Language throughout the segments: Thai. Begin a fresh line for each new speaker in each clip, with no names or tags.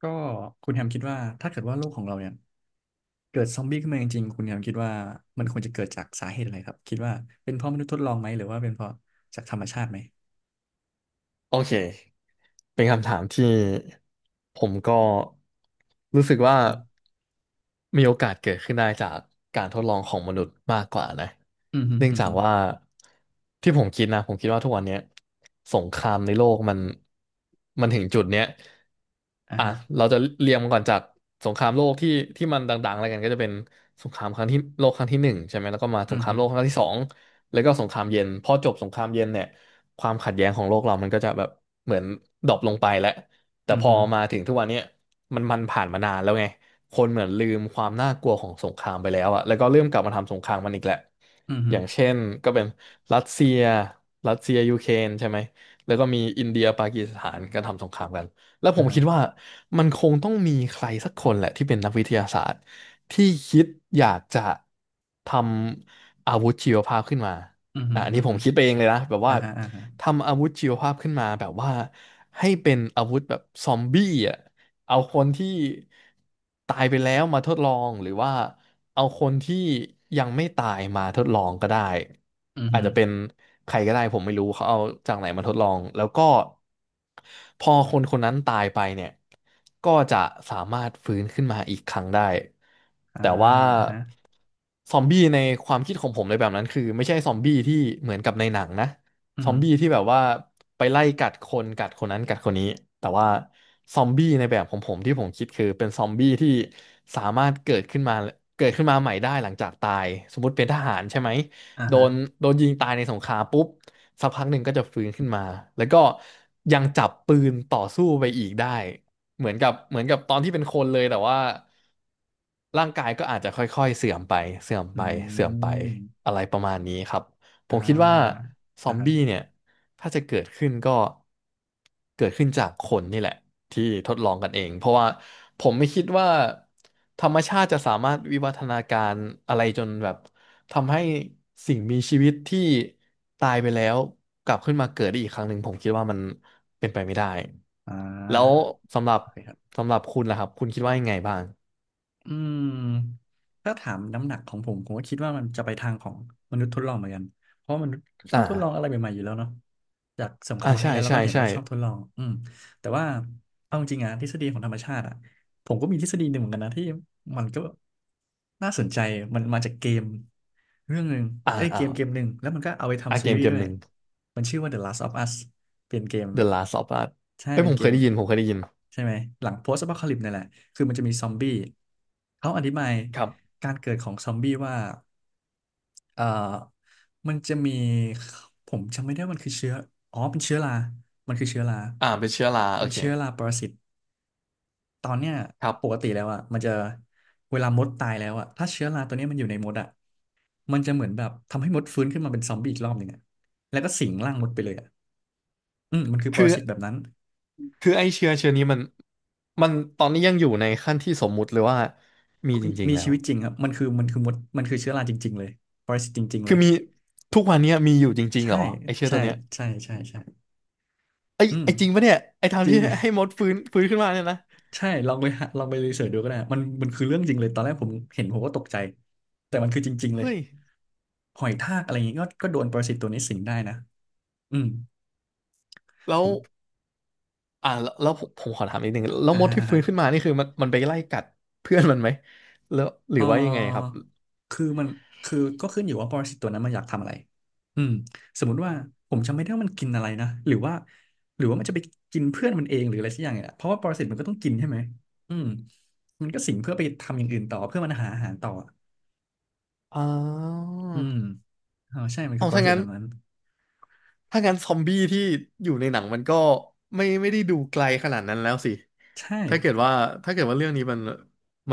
ก็คุณแฮมคิดว่าถ้าเกิดว่าโลกของเราเนี่ยเกิดซอมบี้ขึ้นมาจริงๆคุณแฮมคิดว่ามันควรจะเกิดจากสาเหตุอะไรครับคิดว่าเป็นเพราะมนุษย์ทดลองไหมหรือว่าเป็นเพราะจากธรรมชาติไหม
โอเคเป็นคำถามที่ผมก็รู้สึกว่า
อืม
มีโอกาสเกิดขึ้นได้จากการทดลองของมนุษย์มากกว่านะ
อืมฮึ
เนื่อง
อืม
จา
ฮึ
กว่าที่ผมคิดนะผมคิดว่าทุกวันเนี้ยสงครามในโลกมันถึงจุดเนี้ย
อ่า
อ่ะ
ฮะ
เราจะเรียงมันก่อนจากสงครามโลกที่มันดังๆอะไรกันก็จะเป็นสงครามครั้งที่โลกครั้งที่หนึ่งใช่ไหมแล้วก็มาส
อื
ง
ม
คราม
ฮึ
โลกครั้งที่สองแล้วก็สงครามเย็นพอจบสงครามเย็นเนี่ยความขัดแย้งของโลกเรามันก็จะแบบ เหมือนดรอปลงไปแล้วแต่
อืม
พอ
ฮึ
มาถึงทุกวันเนี้ยมันผ่านมานานแล้วไงคนเหมือนลืมความน่ากลัวของสงครามไปแล้วอะแล้วก็เริ่มกลับมาทำสงครามมันอีกแหละ
อืม
อ
ฮึ
ย่างเช่นก็เป็นรัสเซียรัสเซียยูเครนใช่ไหมแล้วก็มีอินเดียปากีสถานก็ทำสงครามกันแล้วผ
อ่า
ม
ฮะ
คิดว่ามันคงต้องมีใครสักคนแหละที่เป็นนักวิทยาศาสตร์ที่คิดอยากจะทำอาวุธชีวภาพขึ้นมา
อืมฮึ
อ่ะอัน
อื
นี้
ม
ผ
ฮึ
มคิดไปเองเลยนะแบบ
อ่า
ว่า
ฮะอ่าฮะ
ทำอาวุธชีวภาพขึ้นมาแบบว่าให้เป็นอาวุธแบบซอมบี้อ่ะเอาคนที่ตายไปแล้วมาทดลองหรือว่าเอาคนที่ยังไม่ตายมาทดลองก็ได้
อืม
อา
ฮึ
จจะเป็นใครก็ได้ผมไม่รู้เขาเอาจากไหนมาทดลองแล้วก็พอคนคนนั้นตายไปเนี่ยก็จะสามารถฟื้นขึ้นมาอีกครั้งได้
อ่า
แต่ว่า
ฮะ
ซอมบี้ในความคิดของผมในแบบนั้นคือไม่ใช่ซอมบี้ที่เหมือนกับในหนังนะ
อืม
ซอ
ฮึ
มบี้ที่แบบว่าไปไล่กัดคนกัดคนนั้นกัดคนนี้แต่ว่าซอมบี้ในแบบของผมที่ผมคิดคือเป็นซอมบี้ที่สามารถเกิดขึ้นมาเกิดขึ้นมาใหม่ได้หลังจากตายสมมติเป็นทหารใช่ไหม
อ่า
โด
ฮะ
นโดนยิงตายในสงครามปุ๊บสักพักหนึ่งก็จะฟื้นขึ้นมาแล้วก็ยังจับปืนต่อสู้ไปอีกได้เหมือนกับตอนที่เป็นคนเลยแต่ว่าร่างกายก็อาจจะค่อยๆเสื่อมไปเสื่อม
อื
ไปเสื่อมไป
ม
อะไรประมาณนี้ครับ ผ
อ่
มคิดว่า
า
ซอ
อ่า
ม
ครั
บี้
บ
เนี่ยถ้าจะเกิดขึ้นก็เกิดขึ้นจากคนนี่แหละที่ทดลองกันเองเพราะว่าผมไม่คิดว่าธรรมชาติจะสามารถวิวัฒนาการอะไรจนแบบทำให้สิ่งมีชีวิตที่ตายไปแล้วกลับขึ้นมาเกิดได้อีกครั้งหนึ่งผมคิดว่ามันเป็นไปไม่ได้
อ่
แล้ว
า
สำหรับ
โอเคครับ
สำหรับคุณล่ะครับคุณคิดว่ายังไงบ้าง
อืมถ้าถามน้ำหนักของผมผมก็คิดว่ามันจะไปทางของมนุษย์ทดลองเหมือนกันเพราะมนุษย์ชอ
อ่า
บทดลองอะไรใหม่ๆอยู่แล้วเนาะจากสงครา
อ่า
มครั้ง
ใช่
ที่แล้วเรา
ใช่
ก็เห็น
ใช่
ว่าชอบทดลองอืมแต่ว่าเอาจริงๆอะทฤษฎีของธรรมชาติอะ ผมก็มีทฤษฎีหนึ่งเหมือนกันนะที่มันก็น่าสนใจมันมาจากเกมเรื่องหนึ่ง
อ่า
เอ้ยเก
อ่า
มเกมหนึ่งแล้วมันก็เอาไป
อ่า
ทำซี
เกม
รีส์
เก
ด้
ม
ว
ห
ย
นึ่ง
มันชื่อว่า The Last of Us เป็นเกม
The Last of Us
ใช่
เอ้ย
เป็นเกม
ผมเคยได้ยิน
ใช่ไหมหลัง Post Apocalypse นั่นแหละคือมันจะมีซอมบี้เขาอธิบาย
ครับ
การเกิดของซอมบี้ว่าเอ่อมันจะมีผมจำไม่ได้มันคือเชื้ออ๋อเป็นเชื้อรามันคือเชื้อรา
อ่าเป็นเชื้อราโอ
เป็น
เค
เชื้อราปรสิต ตอนเนี้ย
ครั
ปก
บ
ติแล้วอ่ะมันจะเวลามดตายแล้วอ่ะถ้าเชื้อราตัวเนี้ยมันอยู่ในมดอ่ะมันจะเหมือนแบบทำให้มดฟื้นขึ้นมาเป็นซอมบี้อีกรอบหนึ่งอ่ะแล้วก็สิงร่างมดไปเลยอ่ะอืมมันคือป
คื
ร
อ
สิตแบบนั้น
คือไอเชื้อนี้มัน มันตอนนี้ยังอยู่ในขั้นที่สมมุติเลยว่า มีจริง
มี
ๆแล้
ชี
ว
วิตจริงครับมันคือมดมันคือเชื้อราจริงๆเลยปรสิตจริงๆเล
คือ
ย
มีทุกวันเนี้ยมีอยู่จริงๆเห
ใช่
รอไอเชื้อ
ใช่
ตัวเนี้ย
ใช่ใช่ใช่
ไอย
อืม
ไอจริงปะเนี่ยไอทาง
จริ
ที่
ง
ให้มดฟื้นขึ้นมาเนี่ยนะ
ใช่ลองไปหาลองไปรีเสิร์ชดูก็ได้มันคือเรื่องจริงเลยตอนแรกผมเห็นผมก็ตกใจแต่มันคือจริงๆเลย
เฮ้ย
หอยทากอะไรอย่างงี้ก็โดนปรสิตตัวนี้สิงได้นะอืม
แล้
ผ
ว
ม
อ่าแล้วผมขอถามนิดนึงแล้ว
อ่า
มด
ฮะ
ที่
อ่า
ฟื้
ฮะ
นขึ้นมานี่คือมันไปไล่กัดเพื่อนมันไหมแล้วหรื
เ
อว่ายังไงครับ
ออคือมันคือก็ขึ้นอยู่ว่าปรสิตตัวนั้นมันอยากทำอะไรอืมสมมุติว่าผมจำไม่ได้ว่ามันกินอะไรนะหรือว่าหรือว่ามันจะไปกินเพื่อนมันเองหรืออะไรสักอย่างเนี่ยเพราะว่าปรสิตมันก็ต้องกินใช่ไหมอืมมันก็สิงเพื่อไปทำอย่างอื่นต่อเพื่อมันหาอาหารต่อ
อ๋อ
อืมอ๋อใช่มันคื
เอา
อปร
ถ้า
สิต
งั้
แบ
น
บนั้น
ถ้างั้นซอมบี้ที่อยู่ในหนังมันก็ไม่ได้ดูไกลขนาดนั้นแล้วสิ
ใช่
ถ้าเกิดว่าถ้าเกิดว่าเรื่องนี้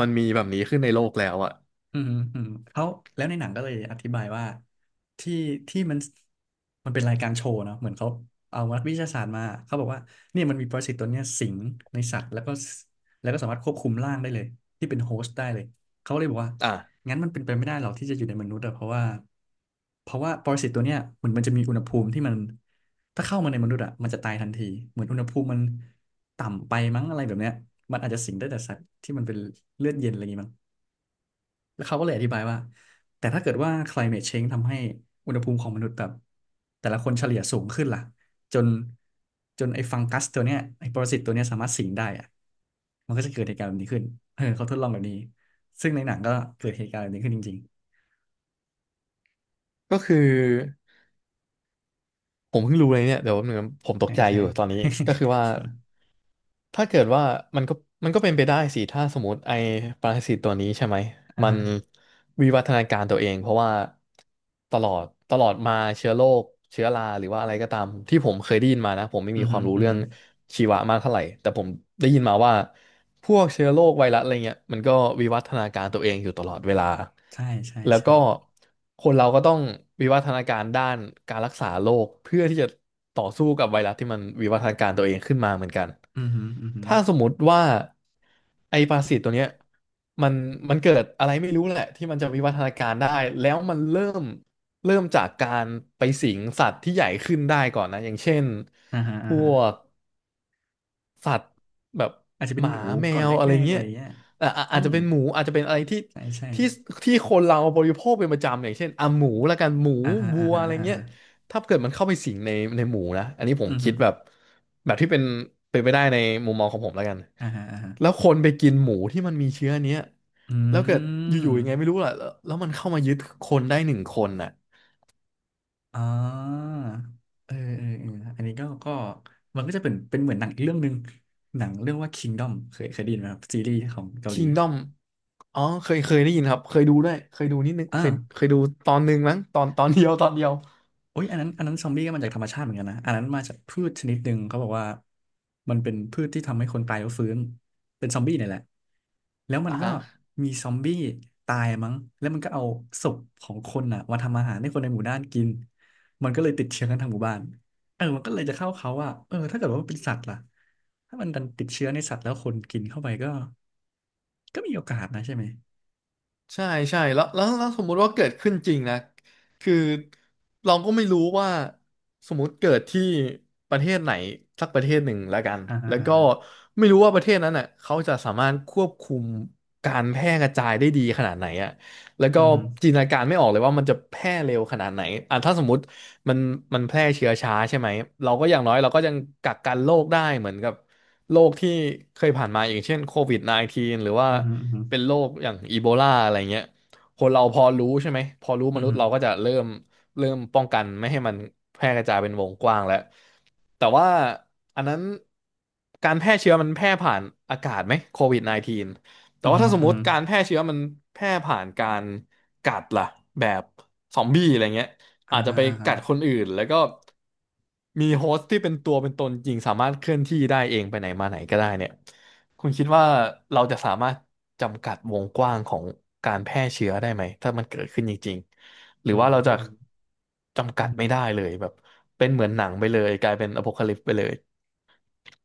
มันมีแบบนี้ขึ้นในโลกแล้วอะ
อืมอืมเขาแล้วในหนังก็เลยอธิบายว่าที่ที่มันเป็นรายการโชว์เนาะเหมือนเขาเอานักวิทยาศาสตร์มาเขาบอกว่าเนี่ยมันมีปรสิตตัวเนี้ยสิงในสัตว์แล้วก็แล้วก็สามารถควบคุมร่างได้เลยที่เป็นโฮสต์ได้เลยเขาเลยบอกว่า
อ่ะ
งั้นมันเป็นไปไม่ได้หรอกที่จะอยู่ในมนุษย์อะเพราะว่าปรสิตตัวเนี้ยเหมือนมันจะมีอุณหภูมิที่มันถ้าเข้ามาในมนุษย์อะมันจะตายทันทีเหมือนอุณหภูมิมันต่ำไปมั้งอะไรแบบเนี้ยมันอาจจะสิงได้แต่สัตว์ที่มันเป็นเลือดเย็นอะไรอย่างงี้มั้ง แล้วเขาก็เลยอธิบายว่าแต่ถ้าเกิดว่า climate change ทำให้อุณหภูมิของมนุษย์แบบแต่ละคนเฉลี่ยสูงขึ้นล่ะจนจนไอ้ฟังกัสตัวเนี้ยไอ้ปรสิตตัวเนี้ยสามารถสิงได้อะมันก็จะเกิดเหตุการณ์แบบนี้ขึ้นเออเขาทดลองแบบนี้ซึ่งในหนังก็เกิดเหตุการณ์แบบนี้ขึ้นจริง
ก็คือผมเพิ่งรู้เลยเนี่ยเดี๋ยวแป๊บนึงนะผม
ๆ
ตก
ใช่
ใจอ
ใช่
ยู่ตอนนี้ก็คือว่า ถ้าเกิดว่ามันก็มันก็เป็นไปได้สิถ้าสมมติไอ้ปรสิตตัวนี้ใช่ไหม
อ่า
มัน
ฮะ
วิวัฒนาการตัวเองเพราะว่าตลอดตลอดมาเชื้อโรคเชื้อราหรือว่าอะไรก็ตามที่ผมเคยได้ยินมานะผมไม่
อื
มี
อ
ค
ฮึ
วามรู้
อือ
เรื่อ
ฮึ
งชีวะมากเท่าไหร่แต่ผมได้ยินมาว่าพวกเชื้อโรคไวรัสอะไรเงี้ยมันก็วิวัฒนาการตัวเองอยู่ตลอดเวลา
ใช่ใช่
แล้ว
ใช่
ก็คนเราก็ต้องวิวัฒนาการด้านการรักษาโรคเพื่อที่จะต่อสู้กับไวรัสที่มันวิวัฒนาการตัวเองขึ้นมาเหมือนกัน
อือฮึอือฮึ
ถ้าสมมติว่าไอปรสิตตัวเนี้ยมันมันเกิดอะไรไม่รู้แหละที่มันจะวิวัฒนาการได้แล้วมันเริ่มจากการไปสิงสัตว์ที่ใหญ่ขึ้นได้ก่อนนะอย่างเช่น
อ่าฮะ
พ
อ่าฮะ
วก สัตว์แบบ
อาจจะเป็
ห
น
มา
หนู
แม
ก่อน
ว
แร
อะไร
กๆอะ
เงี้
ไร
ย
เงี้ย
อ่ะอ่ะ
อื
อาจจะ
ม
เป็นหมูอาจจะเป็นอะไรที่
ใช่ใช่
ที่ที่คนเราบริโภคเป็นประจำอย่างเช่นอ่ะหมูละกันหมู
อ่าฮะ
วั
อ่า
ว
ฮะ
อะไร
อ่า
เงี้ย
ฮะ
ถ้าเกิดมันเข้าไปสิงในหมูนะอันนี้ผม
อือฮึ
คิดแบบที่เป็นเป็นไปได้ในมุมมองของผมแล้วกัน
อ่าฮะอ่าฮะ
แล้วคนไปกินหมูที่มันมีเชื้อเนี้ย
อื
แล้วเกิดอ
ม
ยู่ๆยังไงไม่รู้ล่ะแล้วมันเข้ามายึดคนได้หนึ่งคนน่ะ
อ่าเออเออเอออันนี้ก็ มันก็จะเป็น เป็นเหมือนหนังอีกเรื่องหนึ่ง หนังเรื่องว่า Kingdom เคยได้ยินไหมครับซีรีส์ของเกาหลี
Kingdom อ๋อเคยได้ยินครับ เคยดูด้วยเคยดูนิดนึง
อ่า
เคยดูตอนหนึ่งมั้งตอนเดียวตอนเดียว
โอ้ยอันนั้นซอมบี้ก็มาจากธรรมชาติเหมือนกันนะอันนั้นมาจากพืชชนิดหนึ่งเขาบอกว่ามันเป็นพืชที่ทำให้คนตายแล้วฟื้นเป็นซอมบี้เนี่ยแหละแล้วมัน
อ่ะ
ก็
ฮะ
มีซอมบี้ตายมั้งแล้วมันก็เอาศพของคนอ่ะมาทำอาหารให้คนในหมู่บ้านกินมันก็เลยติดเชื้อกันทั้งหมู่บ้านเออมันก็เลยจะเข้าเขาว่าเออถ้าเกิดว่ามันเป็นสัตว์ล่ะถ้ามันดันติดเชื้อในสัตว์แล้วคนกินเข้าไปก็มีโอกาสนะใช่ไหม
ใช่ใช่แล้วสมมุติว่าเกิดขึ้นจริงนะคือเราก็ไม่รู้ว่าสมมุติเกิดที่ประเทศไหนสักประเทศหนึ่งแล้วกัน
อ่าฮะ
แล้ว
อ่า
ก็
ฮะ
ไม่รู้ว่าประเทศนั้นน่ะเขาจะสามารถควบคุมการแพร่กระจายได้ดีขนาดไหนอ่ะแล้ว
อื
ก็
มฮึ
จินตนาการไม่ออกเลยว่ามันจะแพร่เร็วขนาดไหนอ่ะถ้าสมมติ มันมันแพร่เชื้อช้าใช่ไหมเราก็อย่างน้อยเราก็ยังกักกันโรคได้เหมือนกับโรคที่เคยผ่านมาอย่างเช่นโควิด -19 หรือว่า
อืมฮอืมฮ
เป็นโรคอย่างอีโบลาอะไรเงี้ยคนเราพอรู้ใช่ไหมพอรู้
อื
ม
ม
นุษ
ฮ
ย์เราก็จะเริ่มเริ่มป้องกันไม่ให้มันแพร่กระจายเป็นวงกว้างแล้วแต่ว่าอันนั้นการแพร่เชื้อมันแพร่ผ่านอากาศไหมโควิด -19 แต่
อืม
ว่า
ฮ
ถ้าสม
อื
ม
ม
ติการแพร่เชื้อมันแพร่ผ่านการกัดล่ะแบบซอมบี้อะไรเงี้ย
อ่า
อาจจะ
ฮะ
ไป
อ่าฮะ
กัดคนอื่นแล้วก็มีโฮสต์ที่เป็นตัวเป็นตนจริงสามารถเคลื่อนที่ได้เองไปไหนมาไหนก็ได้เนี่ยคุณคิดว่าเราจะสามารถจำกัดวงกว้างของการแพร่เชื้อได้ไหมถ้ามันเกิดขึ้นจริงๆหรือ
อืม
ว่าเรา
อื
จะ
ม
จำกัดไม่ได้
อื
เลยแบบเป็นเหมือนหนังไปเลยกลายเป็นอโพคาลิปส์ไปเลย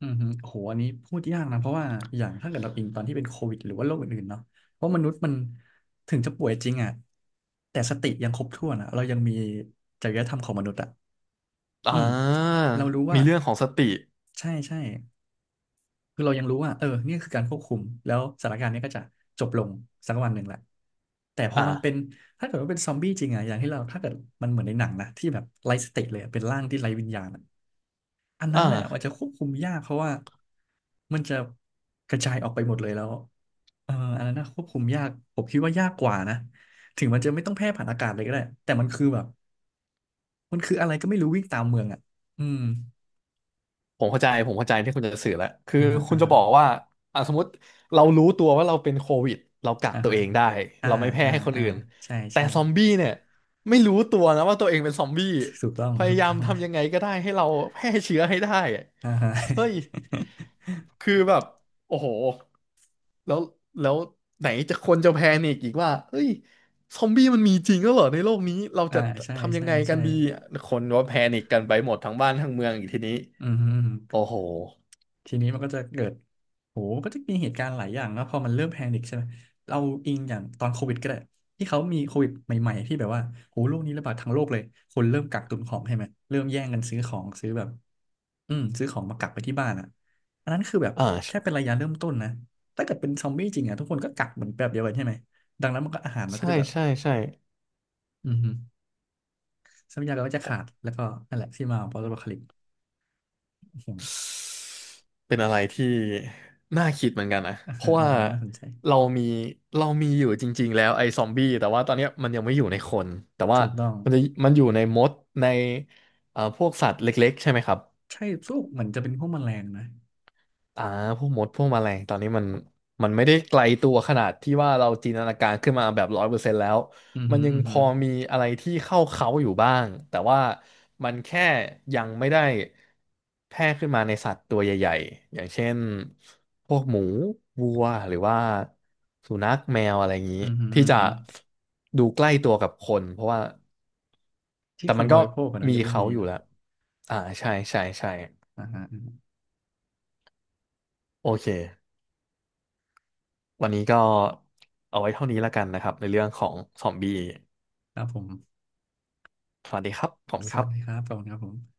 โอ้โหอันนี้พูดยากนะ เพราะว่าอย่างถ้าเกิดเราอิงตอนที่เป็นโควิดหรือว่าโรคอื่นๆเนาะเพราะมนุษย์มันถึงจะป่วยจริงอ่ะแต่สติยังครบถ้วนอ่ะเรายังมีจริยธรรมของมนุษย์อ่ะ
อ่
อืม
า
เรารู้
มี
ว่า
เรื่องของสติ
ใช่ใช่คือเรายังรู้ว่าเออเนี่ยคือการควบคุม แล้วสถานการณ์เนี้ก็จะจบลงสักวันหนึ่งแหละแต่พอ
อ่า
มันเป็นถ้าเกิดว่าเป็นซอมบี้จริงอ่ะอย่างที่เราถ้าเกิดมันเหมือนในหนังนะที่แบบไร้สติเลยอะเป็นร่างที่ไร้วิญญาณอะ อัน
อ
นั้นน่ะมันจะ
่า
ควบคุมยากเพราะว่ามันจะกระจายออกไปหมดเลยแล้วเอออันนั้นน่ะควบคุมยากผมคิดว่ายากกว่านะถึงมันจะไม่ต้องแพร่ผ่านอากาศเลยก็ได้แต่มันคืออะไรก็ไม่รู้วิ่งตามเมืองอ่ะอืม
ผมเข้าใจผมเข้าใจที่คุณจะสื่อแล้วคือ
อ่าฮะ
คุณ
อ่า
จะ
ฮะ
บอกว่าอ่ะสมมติเรารู้ตัวว่าเราเป็นโควิดเรากัก
อ่า
ตัว
ฮะ
เองได้
อ่า
เราไม่แพร่
อ่า
ให้คน
อ่า
อื่น
ใช่
แต่
ใช่
ซอมบี้เนี่ยไม่รู้ตัวนะว่าตัวเองเป็นซอมบี้
ถูกต้อง
พ
ถู
ยา
ก
ยาม
ต้อง
ทำยังไงก็ได้ให้เราแพร่เชื้อให้ได้อะ
อ่าฮะ
เฮ้ยคือแบบโอ้โหแล้วแล้วไหนจะคนจะแพนิกอีกว่าเฮ้ยซอมบี้มันมีจริงแล้วเหรอในโลกนี้เรา
อ่า
จะ
ใช่
ทำยั
ใช่
งไงกั
ใช่
นดีคนว่าแพนิกกันไปหมดทั้งบ้านทั้งเมืองอีกทีนี้
อืม
โอ้โห
ทีนี้มันก็จะเกิดโหก็จะมีเหตุการณ์หลายอย่างแล้วพอมันเริ่มแพนิคใช่ไหมเราอิงอย่างตอนโควิดก็ได้ที่เขามีโควิดใหม่ๆที่แบบว่าโหโรคนี้ระบาดทั้งโลกเลยคนเริ่มกักตุนของใช่ไหมเริ่มแย่งกันซื้อของซื้อแบบอืมซื้อของมากักไปที่บ้านอ่ะอันนั้นคือแบบแค่
อ่า
เป็นระยะเริ่มต้นนะถ้าเกิดเป็นซอมบี้จริงอ่ะทุกคนก็กักเหมือนแบบเดียวกันใช่ไหมดังนั้นมันก็อาหารมันก็
ใช่
จะแบบ
ใช่ใช่
อือฮึทรัพยากรก็จะ
โอ้
ขาดแล้วก็นั่นแหละที่มาของ post apocalypse อืม
เป็นอะไรที่น่าคิดเหมือนกันนะ
อ่า
เพ
ฮะ
ราะ
อ่า
ว่า
ฮะน่าสนใจ
เรามีเรามีอยู่จริงๆแล้วไอ้ซอมบี้แต่ว่าตอนเนี้ยมันยังไม่อยู่ในคนแต่ว่า
ถูกต้อง
มันจะมันอยู่ในมดในพวกสัตว์เล็กๆใช่ไหมครับ
ใช่พวกเหมือนจะเป็นพวกแมลงนะ
อ่าพวกมดพวกแมลงตอนนี้มันไม่ได้ไกลตัวขนาดที่ว่าเราจินตนาการขึ้นมาแบบ100%แล้ว
อือ
มั
หึ
นยัง
อือ
พ
หึอ
อมีอะไรที่เข้าเขาอยู่บ้างแต่ว่ามันแค่ยังไม่ได้แพร่ขึ้นมาในสัตว์ตัวใหญ่ๆอย่างเช่นพวกหมูวัวหรือว่าสุนัขแมวอะไรอย่างนี้
ือหึ
ที่
อือ
จะ
หึ
ดูใกล้ตัวกับคนเพราะว่า
ที่
แต่
ค
มั
น
น
บ
ก็
ริโภคอะนะ
มี
ยังไม่
เขา
มี
อยู่
เนอะ
แล้วอ่าใช่ใช่ใช่
อ่าฮะอือฮึ
โอเค วันนี้ก็เอาไว้เท่านี้ละกันนะครับในเรื่องของซอมบี้
ครับผม
สวัสดีครับผมคณ
ส
ครั
วัสดีครั
บ
บขอบคุณครับผม